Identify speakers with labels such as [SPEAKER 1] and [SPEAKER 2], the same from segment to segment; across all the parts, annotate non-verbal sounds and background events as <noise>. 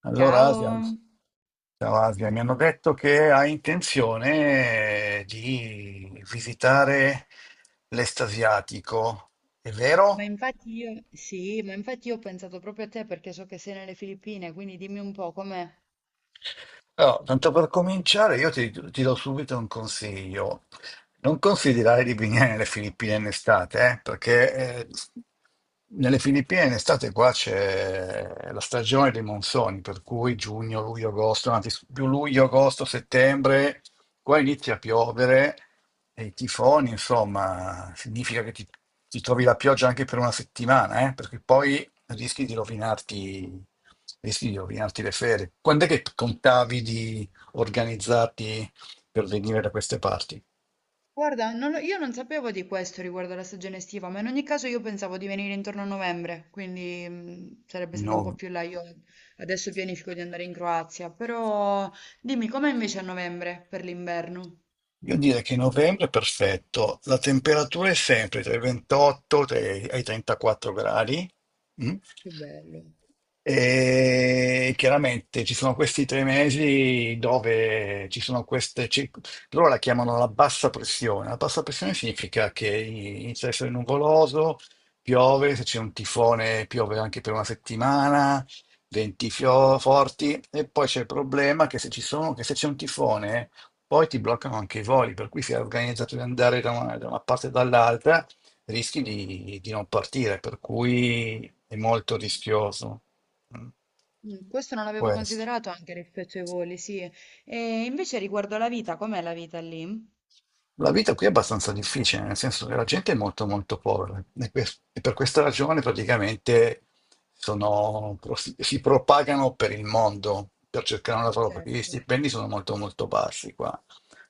[SPEAKER 1] Allora, Asia,
[SPEAKER 2] Ciao,
[SPEAKER 1] ciao Asia, mi hanno detto che hai intenzione di visitare l'estasiatico, è
[SPEAKER 2] ma
[SPEAKER 1] vero?
[SPEAKER 2] infatti io, sì, ma infatti io ho pensato proprio a te perché so che sei nelle Filippine, quindi dimmi un po' com'è.
[SPEAKER 1] Allora, tanto per cominciare, io ti do subito un consiglio. Non considerare di venire nelle Filippine in estate, perché nelle Filippine in estate qua c'è la stagione dei monsoni, per cui giugno, luglio, agosto, anzi più luglio, agosto, settembre, qua inizia a piovere e i tifoni, insomma, significa che ti trovi la pioggia anche per una settimana, perché poi rischi di rovinarti, rischi di rovinarti le ferie. Quando è che contavi di organizzarti per venire da queste parti?
[SPEAKER 2] Guarda, non lo- io non sapevo di questo riguardo alla stagione estiva, ma in ogni caso io pensavo di venire intorno a novembre, quindi sarebbe stato un po'
[SPEAKER 1] No.
[SPEAKER 2] più là. Io adesso pianifico di andare in Croazia, però dimmi com'è invece a novembre per l'inverno?
[SPEAKER 1] Io direi che novembre è perfetto, la temperatura è sempre tra i 28 e i 34 gradi. Mm?
[SPEAKER 2] Che bello.
[SPEAKER 1] E chiaramente ci sono questi 3 mesi dove ci sono loro la chiamano la bassa pressione. La bassa pressione significa che inizia a essere nuvoloso, piove, se c'è un tifone piove anche per una settimana, venti forti, e poi c'è il problema che se ci sono, che se c'è un tifone poi ti bloccano anche i voli, per cui se hai organizzato di andare da una parte e dall'altra, rischi di non partire, per cui è molto rischioso. Mm.
[SPEAKER 2] Mm. Questo non l'avevo
[SPEAKER 1] Questo.
[SPEAKER 2] considerato anche rispetto ai voli, sì. E invece riguardo alla vita, com'è la vita lì?
[SPEAKER 1] La vita qui è abbastanza difficile, nel senso che la gente è molto molto povera e, e per questa ragione praticamente sono- si propagano per il mondo per cercare un lavoro, perché gli
[SPEAKER 2] Certo.
[SPEAKER 1] stipendi sono molto molto bassi qua.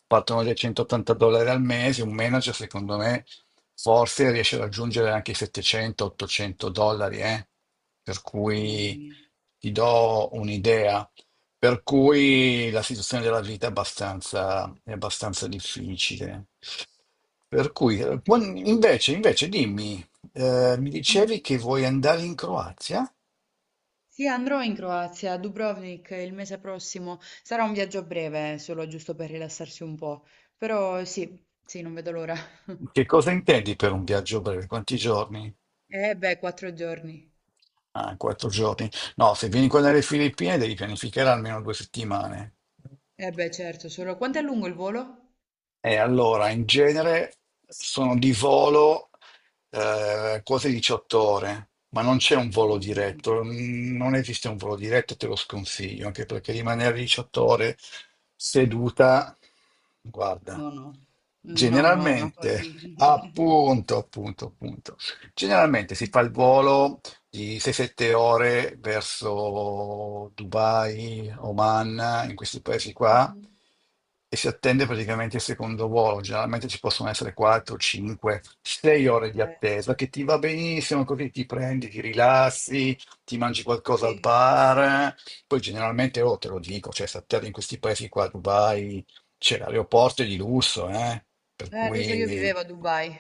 [SPEAKER 1] Partono dai 180 dollari al mese, un manager secondo me forse riesce a raggiungere anche i 700-800 dollari, eh. Per
[SPEAKER 2] Mamma
[SPEAKER 1] cui
[SPEAKER 2] mia.
[SPEAKER 1] ti do un'idea. Per cui la situazione della vita è abbastanza, difficile. Per cui,
[SPEAKER 2] E
[SPEAKER 1] eh,
[SPEAKER 2] tu?
[SPEAKER 1] quan- invece, invece dimmi, mi dicevi
[SPEAKER 2] Mhm.
[SPEAKER 1] che vuoi andare in Croazia?
[SPEAKER 2] Sì, andrò in Croazia, a Dubrovnik il mese prossimo. Sarà un viaggio breve, solo giusto per rilassarsi un po'. Però sì, sì, non vedo l'ora. <laughs>
[SPEAKER 1] Che cosa intendi per un viaggio breve? Quanti giorni?
[SPEAKER 2] Eh beh, 4 giorni.
[SPEAKER 1] Ah, 4 giorni. No, se vieni qua dalle Filippine devi pianificare almeno 2 settimane.
[SPEAKER 2] Eh beh, certo, solo, quanto è lungo il volo?
[SPEAKER 1] E allora, in genere sono di volo quote 18 ore, ma non c'è un volo
[SPEAKER 2] No, no, no.
[SPEAKER 1] diretto, non esiste un volo diretto, te lo sconsiglio, anche perché rimanere 18 ore seduta, guarda,
[SPEAKER 2] No, no. No, no, è una
[SPEAKER 1] generalmente,
[SPEAKER 2] follia.
[SPEAKER 1] appunto, appunto, appunto, generalmente si fa il
[SPEAKER 2] <laughs>
[SPEAKER 1] volo di 6-7 ore verso Dubai, Oman, in questi paesi qua,
[SPEAKER 2] Mhm.
[SPEAKER 1] e si attende praticamente il secondo volo. Generalmente ci possono essere 4, 5, 6 ore di attesa,
[SPEAKER 2] Certo.
[SPEAKER 1] che ti va benissimo, così ti prendi, ti rilassi, ti mangi qualcosa al
[SPEAKER 2] Sì.
[SPEAKER 1] bar. Poi generalmente, oh, te lo dico, cioè, si attende in questi paesi qua, Dubai, c'è, l'aeroporto è di lusso, eh? Per
[SPEAKER 2] Lo so, io
[SPEAKER 1] cui.
[SPEAKER 2] vivevo a Dubai.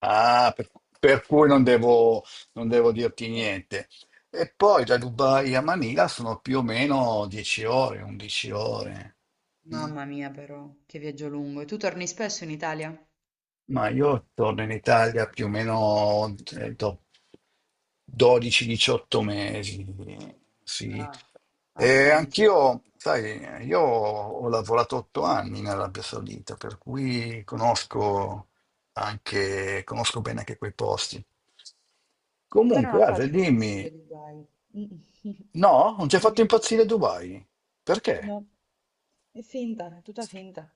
[SPEAKER 1] Ah, per cui non devo dirti
[SPEAKER 2] <laughs>
[SPEAKER 1] niente. E poi da Dubai a Manila sono più o meno 10 ore, 11 ore. Mm.
[SPEAKER 2] Mamma mia, però, che viaggio lungo. E tu torni spesso in Italia?
[SPEAKER 1] Ma io torno in Italia più o meno dopo 12-18 mesi, sì.
[SPEAKER 2] Ah, ha
[SPEAKER 1] E
[SPEAKER 2] senso.
[SPEAKER 1] anch'io, sai, io ho lavorato 8 anni in Arabia Saudita, per cui conosco bene anche quei posti.
[SPEAKER 2] A me non ha
[SPEAKER 1] Comunque, Ale,
[SPEAKER 2] fatto
[SPEAKER 1] dimmi,
[SPEAKER 2] impazzire Dubai. Mm. <laughs>
[SPEAKER 1] no, non ti ha fatto
[SPEAKER 2] Dimmi, dimmi.
[SPEAKER 1] impazzire Dubai? Perché?
[SPEAKER 2] No, è finta, è tutta finta.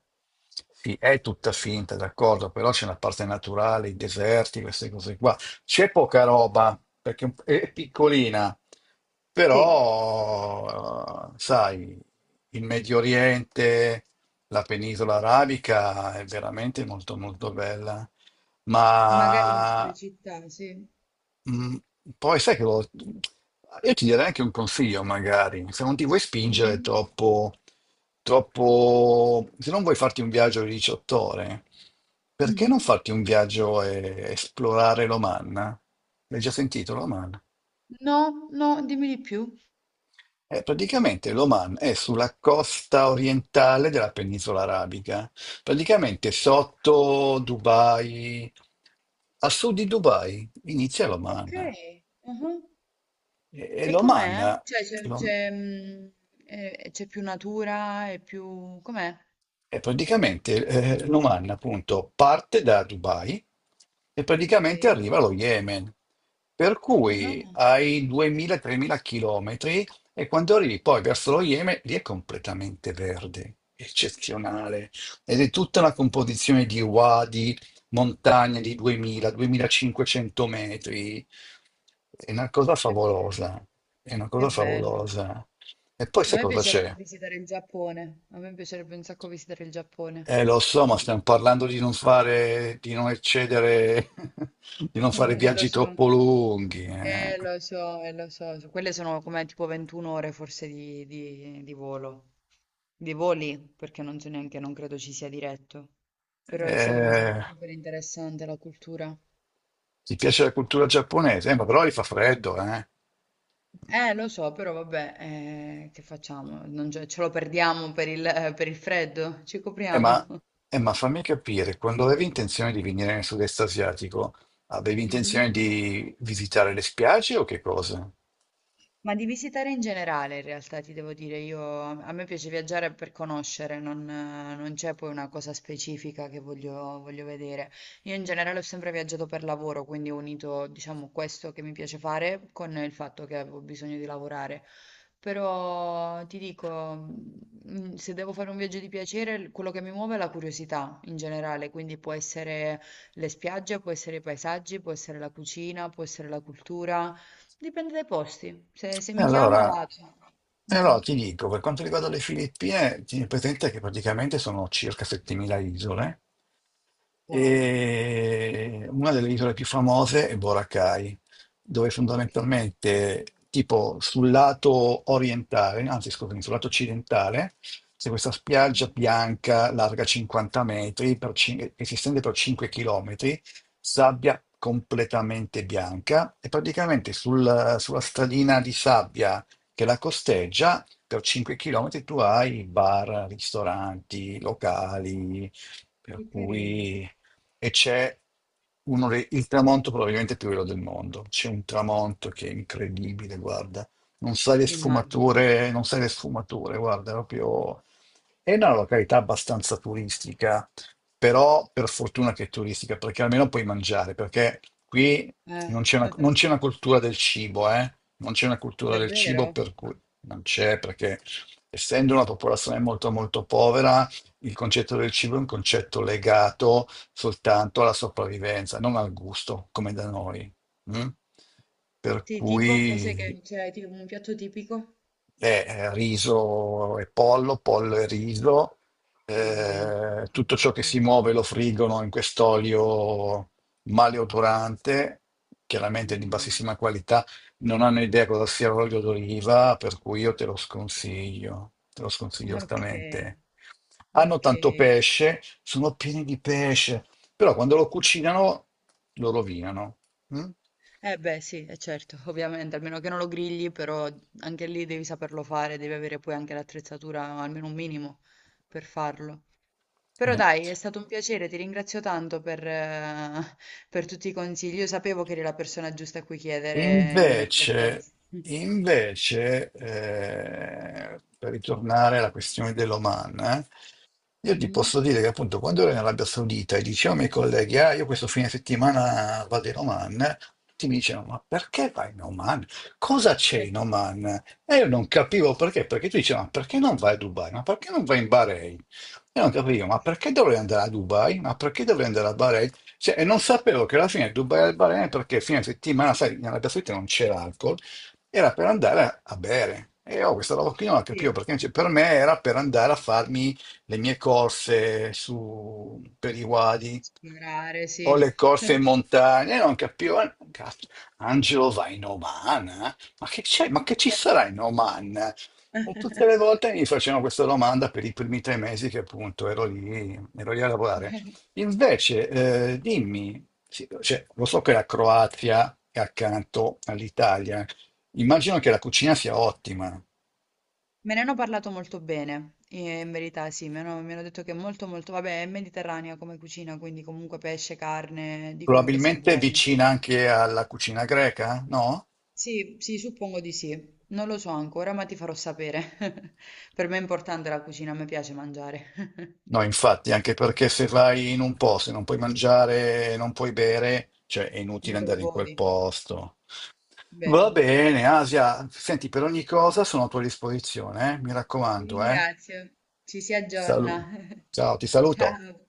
[SPEAKER 1] Sì, è tutta finta, d'accordo, però c'è una parte naturale, i deserti, queste cose qua. C'è poca roba, perché è piccolina,
[SPEAKER 2] Sì, sì,
[SPEAKER 1] però, sai, il Medio Oriente, la penisola arabica è veramente molto molto bella,
[SPEAKER 2] magari altre
[SPEAKER 1] ma
[SPEAKER 2] città, sì.
[SPEAKER 1] Mm, poi sai che io ti darei anche un consiglio, magari, se non ti vuoi spingere
[SPEAKER 2] Mhm.
[SPEAKER 1] troppo, troppo, se non vuoi farti un viaggio di 18 ore, perché non
[SPEAKER 2] Mhm.
[SPEAKER 1] farti un viaggio e esplorare l'Oman? L'hai già sentito l'Oman?
[SPEAKER 2] No, no, dimmi di più.
[SPEAKER 1] Praticamente l'Oman è sulla costa orientale della penisola arabica, praticamente sotto Dubai, a sud di Dubai inizia
[SPEAKER 2] Ok,
[SPEAKER 1] l'Oman.
[SPEAKER 2] mhm.
[SPEAKER 1] E
[SPEAKER 2] E
[SPEAKER 1] l'Oman,
[SPEAKER 2] com'è? Cioè,
[SPEAKER 1] l'Om-
[SPEAKER 2] mm, c'è più natura e più, com'è?
[SPEAKER 1] E praticamente l'Oman appunto parte da Dubai e
[SPEAKER 2] Ok.
[SPEAKER 1] praticamente arriva allo Yemen, per cui
[SPEAKER 2] Ah,
[SPEAKER 1] hai 2000-3000 chilometri e quando arrivi poi verso lo Yemen lì è completamente verde, eccezionale, ed è tutta una composizione di wadi, montagne di 2000-2500 metri, è una cosa
[SPEAKER 2] che, be-
[SPEAKER 1] favolosa, è una
[SPEAKER 2] che
[SPEAKER 1] cosa
[SPEAKER 2] bello.
[SPEAKER 1] favolosa. E poi
[SPEAKER 2] A
[SPEAKER 1] sai
[SPEAKER 2] me
[SPEAKER 1] cosa
[SPEAKER 2] piacerebbe
[SPEAKER 1] c'è?
[SPEAKER 2] visitare il Giappone. A me piacerebbe un sacco visitare il Giappone.
[SPEAKER 1] Lo so, ma stiamo parlando di non eccedere, <laughs> di non fare
[SPEAKER 2] <laughs> Lo
[SPEAKER 1] viaggi
[SPEAKER 2] so.
[SPEAKER 1] troppo lunghi,
[SPEAKER 2] Lo so, quelle sono come tipo 21 ore forse di, di volo, di voli, perché non so neanche, non credo ci sia diretto, però sì, mi sembra
[SPEAKER 1] Eh,
[SPEAKER 2] super interessante la cultura.
[SPEAKER 1] ti piace la cultura giapponese? Ma però lì fa freddo, eh.
[SPEAKER 2] Lo so, però vabbè, che facciamo? Non ce lo perdiamo per il freddo, ci
[SPEAKER 1] Eh, ma,
[SPEAKER 2] copriamo. <laughs>
[SPEAKER 1] eh, ma fammi capire, quando avevi intenzione di venire nel sud-est asiatico, avevi intenzione
[SPEAKER 2] Mhm.
[SPEAKER 1] di visitare le spiagge o che cosa?
[SPEAKER 2] Ma di visitare in generale, in realtà, ti devo dire, io, a me piace viaggiare per conoscere, non c'è poi una cosa specifica che voglio vedere. Io in generale ho sempre viaggiato per lavoro, quindi ho unito, diciamo, questo che mi piace fare con il fatto che avevo bisogno di lavorare. Però ti dico, mm, se devo fare un viaggio di piacere, quello che mi muove è la curiosità in generale, quindi può essere le spiagge, può essere i paesaggi, può essere la cucina, può essere la cultura. Dipende dai posti, se
[SPEAKER 1] E
[SPEAKER 2] mi chiama
[SPEAKER 1] allora,
[SPEAKER 2] vado. Mm-mm.
[SPEAKER 1] ti dico, per quanto riguarda le Filippine, tieni presente che praticamente sono circa 7.000 isole.
[SPEAKER 2] Wow,
[SPEAKER 1] E una delle isole più famose è Boracay, dove
[SPEAKER 2] ok.
[SPEAKER 1] fondamentalmente, tipo sul lato orientale, anzi scusami, sul lato occidentale, c'è questa spiaggia
[SPEAKER 2] Mhm.
[SPEAKER 1] bianca larga 50 metri che si estende per 5 chilometri, sabbia completamente bianca e praticamente sulla stradina di sabbia che la costeggia per 5 chilometri tu hai bar, ristoranti, locali, per
[SPEAKER 2] Che carino,
[SPEAKER 1] cui e c'è il tramonto probabilmente più bello del mondo. C'è un tramonto che è incredibile, guarda. Non sai le
[SPEAKER 2] immagino.
[SPEAKER 1] sfumature, non sai le sfumature, guarda, proprio. È una località abbastanza turistica, però per fortuna che è turistica, perché almeno puoi mangiare, perché qui
[SPEAKER 2] Eh,
[SPEAKER 1] non
[SPEAKER 2] <laughs>
[SPEAKER 1] c'è una cultura del cibo, eh? Non c'è una cultura del cibo,
[SPEAKER 2] davvero?
[SPEAKER 1] per cui non c'è, perché essendo una popolazione molto molto povera, il concetto del cibo è un concetto legato soltanto alla sopravvivenza, non al gusto, come da noi. Mm? Per
[SPEAKER 2] Sì, tipo, cos'è
[SPEAKER 1] cui
[SPEAKER 2] che c'è, tipo un piatto tipico?
[SPEAKER 1] riso e pollo, pollo e riso,
[SPEAKER 2] Mm, bene,
[SPEAKER 1] tutto
[SPEAKER 2] tipo,
[SPEAKER 1] ciò che si
[SPEAKER 2] che
[SPEAKER 1] muove lo
[SPEAKER 2] semplice.
[SPEAKER 1] friggono in quest'olio maleodorante, chiaramente di
[SPEAKER 2] Mamma mia.
[SPEAKER 1] bassissima qualità. Non hanno idea cosa sia l'olio d'oliva, per cui io te lo sconsiglio
[SPEAKER 2] <laughs> Ok,
[SPEAKER 1] altamente. Hanno
[SPEAKER 2] ok.
[SPEAKER 1] tanto pesce, sono pieni di pesce, però quando lo cucinano lo rovinano. Mm?
[SPEAKER 2] Eh beh, sì, è certo, ovviamente, almeno che non lo grigli, però anche lì devi saperlo fare, devi avere poi anche l'attrezzatura, almeno un minimo, per farlo. Però
[SPEAKER 1] Eh.
[SPEAKER 2] dai, è stato un piacere, ti ringrazio tanto per tutti i consigli. Io sapevo che eri la persona giusta a cui chiedere in merito a
[SPEAKER 1] Invece,
[SPEAKER 2] questo.
[SPEAKER 1] invece, per ritornare alla questione dell'Oman, io ti
[SPEAKER 2] Mhm.
[SPEAKER 1] posso dire che appunto quando ero in Arabia Saudita e dicevo ai miei colleghi, "Ah, io questo fine settimana vado in Oman", tutti mi dicevano, "Ma perché vai in Oman? Cosa c'è in
[SPEAKER 2] <laughs>
[SPEAKER 1] Oman?" E io non capivo perché, perché tu dicevi, "Ma perché non vai a Dubai? Ma perché non vai in Bahrain?" Io non capivo, ma perché dovrei andare a Dubai? Ma perché dovrei andare a Bahrain? Cioè, e non sapevo che alla fine Dubai al Bahrain, perché fine settimana, sai, in Arabia Saudita non c'era alcol, era per andare a bere. E ho questa roba qui, non la capivo
[SPEAKER 2] Sì,
[SPEAKER 1] perché, cioè, per me era per andare a farmi le mie corse su, per i wadi
[SPEAKER 2] esplorare,
[SPEAKER 1] o
[SPEAKER 2] sì.
[SPEAKER 1] le corse in
[SPEAKER 2] <laughs>
[SPEAKER 1] montagna. E non capivo, "Ah, cazzo, Angelo va in Oman? Eh? Ma che c'è? Ma che ci sarà in Oman?" E tutte le volte mi facevano questa domanda per i primi 3 mesi che appunto ero lì a lavorare. Invece, dimmi, sì, cioè, lo so che la Croazia è accanto all'Italia, immagino che la cucina sia ottima,
[SPEAKER 2] Me ne hanno parlato molto bene, in verità sì, mi hanno detto che è molto molto, vabbè, è mediterranea come cucina, quindi comunque pesce, carne, dicono che sia
[SPEAKER 1] probabilmente
[SPEAKER 2] buono.
[SPEAKER 1] vicina anche alla cucina greca, no?
[SPEAKER 2] Sì, sì, suppongo di sì. Non lo so ancora, ma ti farò sapere. <laughs> Per me è importante la cucina, a me piace mangiare. <laughs>
[SPEAKER 1] No, infatti, anche perché se vai in un posto e non puoi mangiare, non puoi bere, cioè è inutile
[SPEAKER 2] Non te lo
[SPEAKER 1] andare in quel
[SPEAKER 2] godi,
[SPEAKER 1] posto. Va
[SPEAKER 2] vero.
[SPEAKER 1] bene, Asia, senti, per ogni cosa sono a tua disposizione, eh? Mi
[SPEAKER 2] Ti
[SPEAKER 1] raccomando, eh?
[SPEAKER 2] ringrazio. Ci si aggiorna.
[SPEAKER 1] Salu-
[SPEAKER 2] <laughs>
[SPEAKER 1] Ciao, ti saluto.
[SPEAKER 2] Ciao.